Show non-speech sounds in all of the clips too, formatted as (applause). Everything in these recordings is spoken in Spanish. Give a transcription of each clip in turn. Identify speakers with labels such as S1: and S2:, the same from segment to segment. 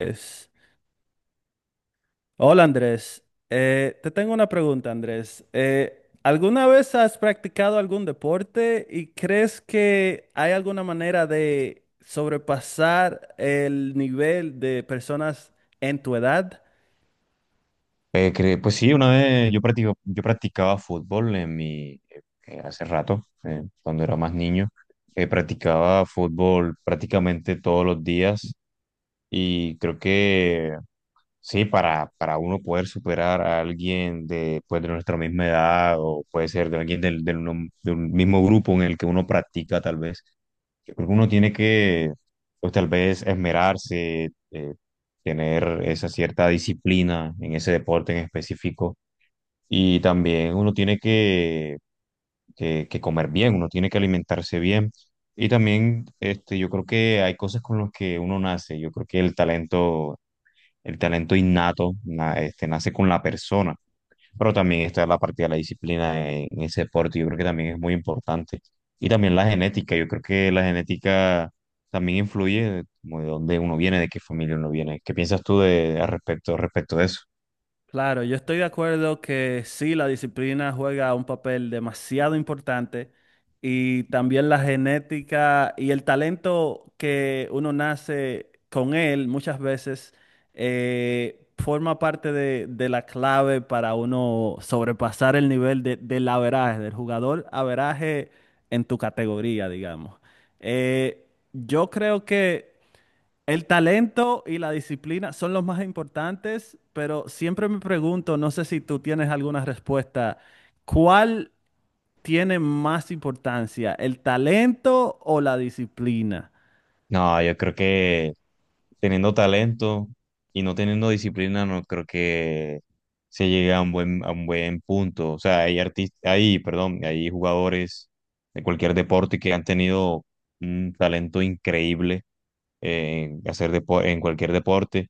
S1: Andrés. Hola, Andrés. Te tengo una pregunta, Andrés. ¿Alguna vez has practicado algún deporte y crees que hay alguna manera de sobrepasar el nivel de personas en tu edad?
S2: Pues sí, una vez yo practico, yo practicaba fútbol en mi, hace rato, cuando era más niño. Practicaba fútbol prácticamente todos los días y creo que sí, para uno poder superar a alguien de, pues, de nuestra misma edad o puede ser de alguien del uno- de un mismo grupo en el que uno practica tal vez, yo creo que uno tiene que, pues tal vez esmerarse, tener esa cierta disciplina en ese deporte en específico y también uno tiene que, que comer bien, uno tiene que alimentarse bien. Y también este, yo creo que hay cosas con las que uno nace. Yo creo que el talento innato, este, nace con la persona. Pero también está la parte de la disciplina en ese deporte. Yo creo que también es muy importante. Y también la genética. Yo creo que la genética también influye como de dónde uno viene, de qué familia uno viene. ¿Qué piensas tú de, al respecto, respecto de eso?
S1: Claro, yo estoy de acuerdo que sí, la disciplina juega un papel demasiado importante, y también la genética y el talento que uno nace con él muchas veces forma parte de la clave para uno sobrepasar el nivel del averaje, del jugador averaje en tu categoría, digamos. Eh, yo creo que el talento y la disciplina son los más importantes, pero siempre me pregunto, no sé si tú tienes alguna respuesta, ¿cuál tiene más importancia, el talento o la disciplina?
S2: No, yo creo que teniendo talento y no teniendo disciplina, no creo que se llegue a un buen punto. O sea, hay artistas, hay, perdón, hay jugadores de cualquier deporte que han tenido un talento increíble en en cualquier deporte,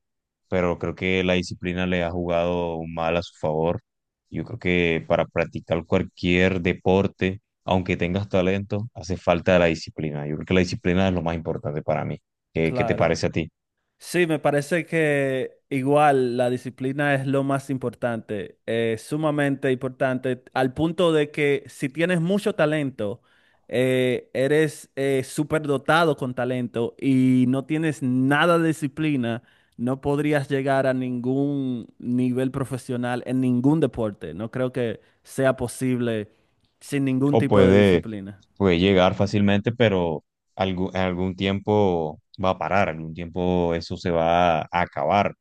S2: pero creo que la disciplina le ha jugado mal a su favor. Yo creo que para practicar cualquier deporte aunque tengas talento, hace falta la disciplina. Yo creo que la disciplina es lo más importante para mí. ¿Qué te
S1: Claro.
S2: parece a ti?
S1: Sí, me parece que igual la disciplina es lo más importante, sumamente importante, al punto de que si tienes mucho talento, eres superdotado con talento y no tienes nada de disciplina, no podrías llegar a ningún nivel profesional en ningún deporte. No creo que sea posible sin ningún
S2: O
S1: tipo de
S2: puede,
S1: disciplina.
S2: puede llegar fácilmente, pero algu- en algún tiempo va a parar, algún tiempo eso se va a acabar.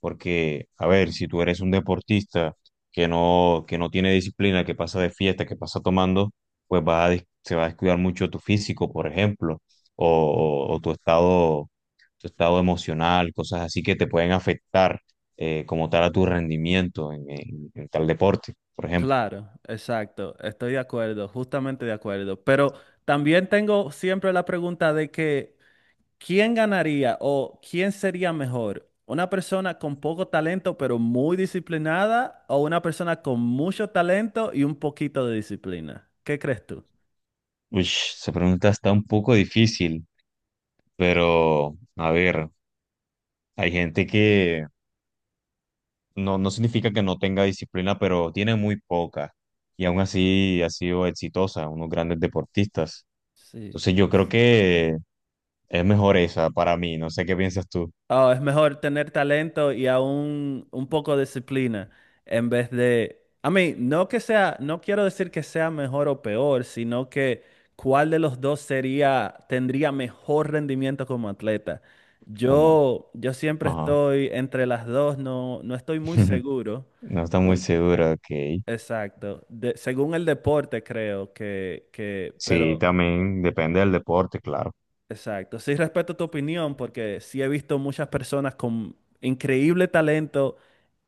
S2: Porque, a ver, si tú eres un deportista que no tiene disciplina, que pasa de fiesta, que pasa tomando, pues vas a des- se va a descuidar mucho tu físico, por ejemplo, o tu estado emocional, cosas así que te pueden afectar como tal a tu rendimiento en en tal deporte, por ejemplo.
S1: Claro, exacto, estoy de acuerdo, justamente de acuerdo. Pero también tengo siempre la pregunta de que, ¿quién ganaría o quién sería mejor? ¿Una persona con poco talento pero muy disciplinada o una persona con mucho talento y un poquito de disciplina? ¿Qué crees tú?
S2: Uy, esa pregunta está un poco difícil, pero a ver, hay gente que no, no significa que no tenga disciplina, pero tiene muy poca y aún así ha sido exitosa, unos grandes deportistas.
S1: Sí.
S2: Entonces yo creo que es mejor esa para mí, no sé qué piensas tú.
S1: Oh, es mejor tener talento y aún un poco de disciplina en vez de. A mí, no que sea, no quiero decir que sea mejor o peor, sino que cuál de los dos sería, tendría mejor rendimiento como atleta.
S2: Puma.
S1: Yo siempre
S2: Ajá.
S1: estoy entre las dos, no estoy muy
S2: (laughs)
S1: seguro.
S2: No está muy
S1: por-
S2: segura, ok.
S1: exacto. Según el deporte, creo que,
S2: Sí,
S1: pero
S2: también depende del deporte, claro.
S1: exacto. Sí, respeto tu opinión porque sí he visto muchas personas con increíble talento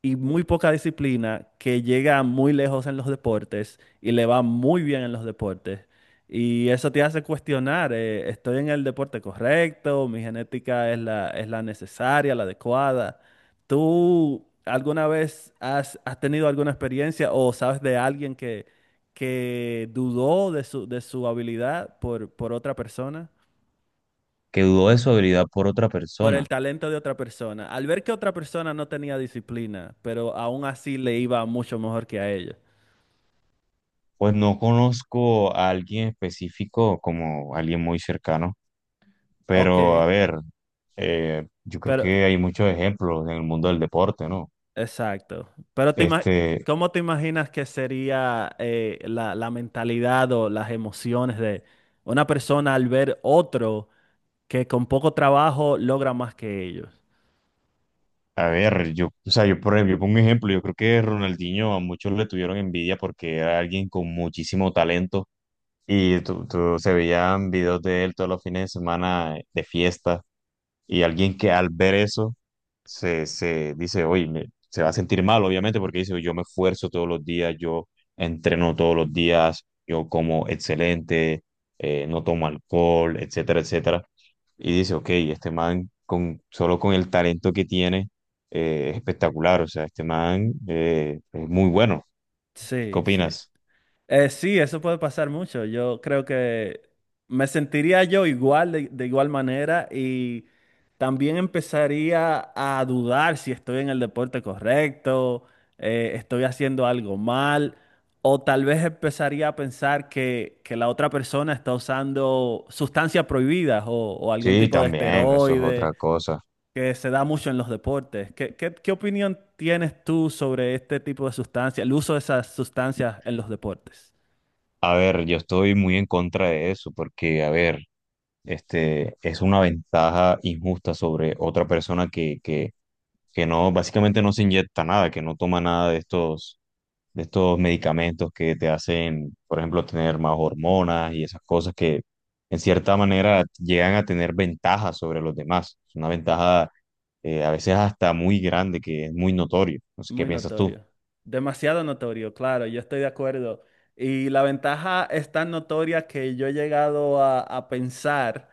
S1: y muy poca disciplina que llegan muy lejos en los deportes y le va muy bien en los deportes. Y eso te hace cuestionar, ¿estoy en el deporte correcto? ¿Mi genética es la necesaria, la adecuada? ¿Tú alguna vez has tenido alguna experiencia o sabes de alguien que dudó de su habilidad por otra persona?
S2: Que dudó de su habilidad por otra
S1: Por
S2: persona.
S1: el talento de otra persona, al ver que otra persona no tenía disciplina, pero aún así le iba mucho mejor que a ella.
S2: Pues no conozco a alguien específico como alguien muy cercano,
S1: Ok,
S2: pero a ver, yo creo
S1: pero
S2: que hay muchos ejemplos en el mundo del deporte, ¿no?
S1: exacto. Pero
S2: Este,
S1: ¿cómo te imaginas que sería la mentalidad o las emociones de una persona al ver otro que con poco trabajo logra más que ellos?
S2: a ver, yo, o sea, yo por ejemplo, yo pongo un ejemplo, yo creo que Ronaldinho a muchos le tuvieron envidia porque era alguien con muchísimo talento y se veían videos de él todos los fines de semana de fiesta. Y alguien que al ver eso se dice, oye, se va a sentir mal, obviamente, porque dice, yo me esfuerzo todos los días, yo entreno todos los días, yo como excelente, no tomo alcohol, etcétera, etcétera. Y dice, ok, este man, con, solo con el talento que tiene, es espectacular, o sea, este man es muy bueno. ¿Qué
S1: Sí, sí.
S2: opinas?
S1: Sí, eso puede pasar mucho. Yo creo que me sentiría yo igual, de igual manera, y también empezaría a dudar si estoy en el deporte correcto, estoy haciendo algo mal, o tal vez empezaría a pensar que la otra persona está usando sustancias prohibidas o algún
S2: Sí,
S1: tipo de
S2: también, eso es
S1: esteroide
S2: otra cosa.
S1: que se da mucho en los deportes. ¿Qué opinión tienes tú sobre este tipo de sustancias, el uso de esas sustancias en los deportes?
S2: A ver, yo estoy muy en contra de eso, porque, a ver, este, es una ventaja injusta sobre otra persona que no, básicamente no se inyecta nada, que no toma nada de estos, de estos medicamentos que te hacen, por ejemplo, tener más hormonas y esas cosas que en cierta manera llegan a tener ventajas sobre los demás. Es una ventaja a veces hasta muy grande, que es muy notorio. No sé, ¿qué
S1: Muy
S2: piensas tú?
S1: notorio. Demasiado notorio, claro, yo estoy de acuerdo. Y la ventaja es tan notoria que yo he llegado a pensar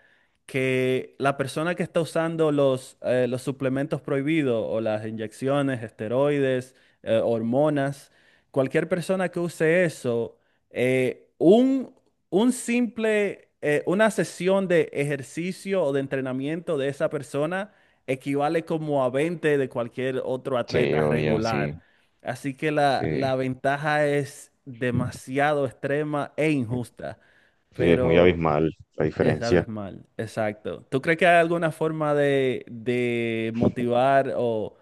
S1: que la persona que está usando los suplementos prohibidos o las inyecciones, esteroides, hormonas, cualquier persona que use eso, eh, un, un simple, una sesión de ejercicio o de entrenamiento de esa persona equivale como a 20 de cualquier otro
S2: Sí,
S1: atleta
S2: obvio,
S1: regular.
S2: sí,
S1: Así que la
S2: sí.
S1: ventaja es demasiado extrema e injusta,
S2: Sí, es muy
S1: pero
S2: abismal la
S1: es
S2: diferencia.
S1: abismal, exacto. ¿Tú crees que hay alguna forma de motivar o,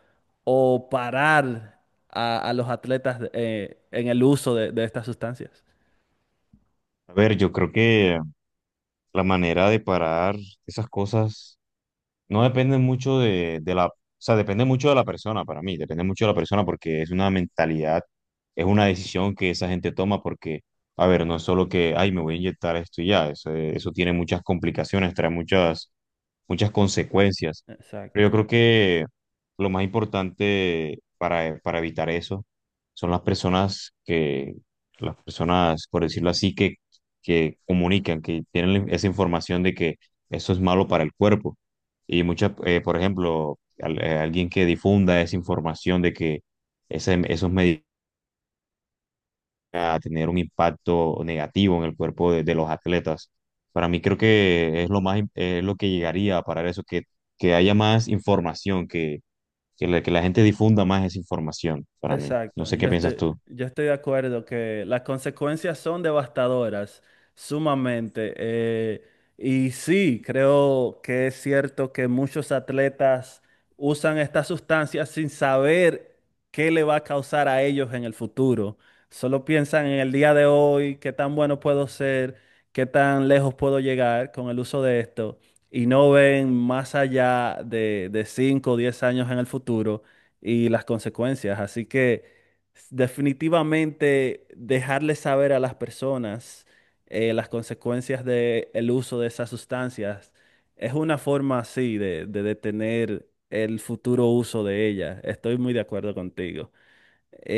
S1: o parar a los atletas en el uso de estas sustancias?
S2: A ver, yo creo que la manera de parar esas cosas no depende mucho de la, o sea, depende mucho de la persona para mí, depende mucho de la persona porque es una mentalidad, es una decisión que esa gente toma porque, a ver, no es solo que, ay, me voy a inyectar esto y ya, eso tiene muchas complicaciones, trae muchas consecuencias. Pero yo
S1: Exacto.
S2: creo que lo más importante para evitar eso son las personas que, las personas, por decirlo así, que comunican, que tienen esa información de que eso es malo para el cuerpo. Y muchas, por ejemplo, alguien que difunda esa información de que esos medicamentos a tener un impacto negativo en el cuerpo de los atletas. Para mí creo que es lo más, lo que llegaría a parar eso, que haya más información, que la gente difunda más esa información, para mí. No
S1: Exacto,
S2: sé
S1: yo
S2: qué piensas
S1: estoy,
S2: tú.
S1: yo estoy de acuerdo que las consecuencias son devastadoras, sumamente. Y sí, creo que es cierto que muchos atletas usan estas sustancias sin saber qué le va a causar a ellos en el futuro. Solo piensan en el día de hoy, qué tan bueno puedo ser, qué tan lejos puedo llegar con el uso de esto, y no ven más allá de 5 o 10 años en el futuro y las consecuencias. Así que definitivamente dejarles saber a las personas las consecuencias del uso de esas sustancias es una forma así de detener el futuro uso de ellas. Estoy muy de acuerdo contigo.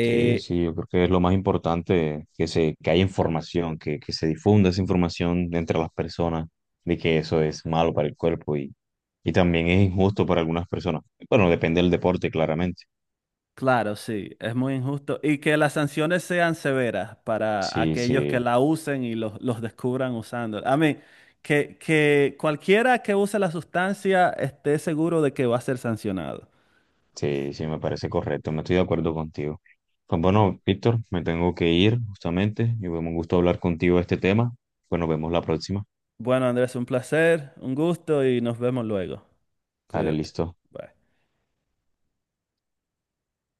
S2: Sí, sí, yo creo que es lo más importante, que se, que haya información, que se difunda esa información entre las personas de que eso es malo para el cuerpo y también es injusto para algunas personas. Bueno, depende del deporte, claramente.
S1: Claro, sí, es muy injusto. Y que las sanciones sean severas para
S2: Sí,
S1: aquellos que
S2: sí.
S1: la usen y los descubran usando. A mí, que cualquiera que use la sustancia esté seguro de que va a ser sancionado.
S2: Sí, sí, me parece correcto, me estoy de acuerdo contigo. Pues bueno, Víctor, me tengo que ir justamente y fue un gusto hablar contigo de este tema. Pues nos vemos la próxima.
S1: Bueno, Andrés, un placer, un gusto y nos vemos luego.
S2: Dale,
S1: Cuídate.
S2: listo.
S1: Bye.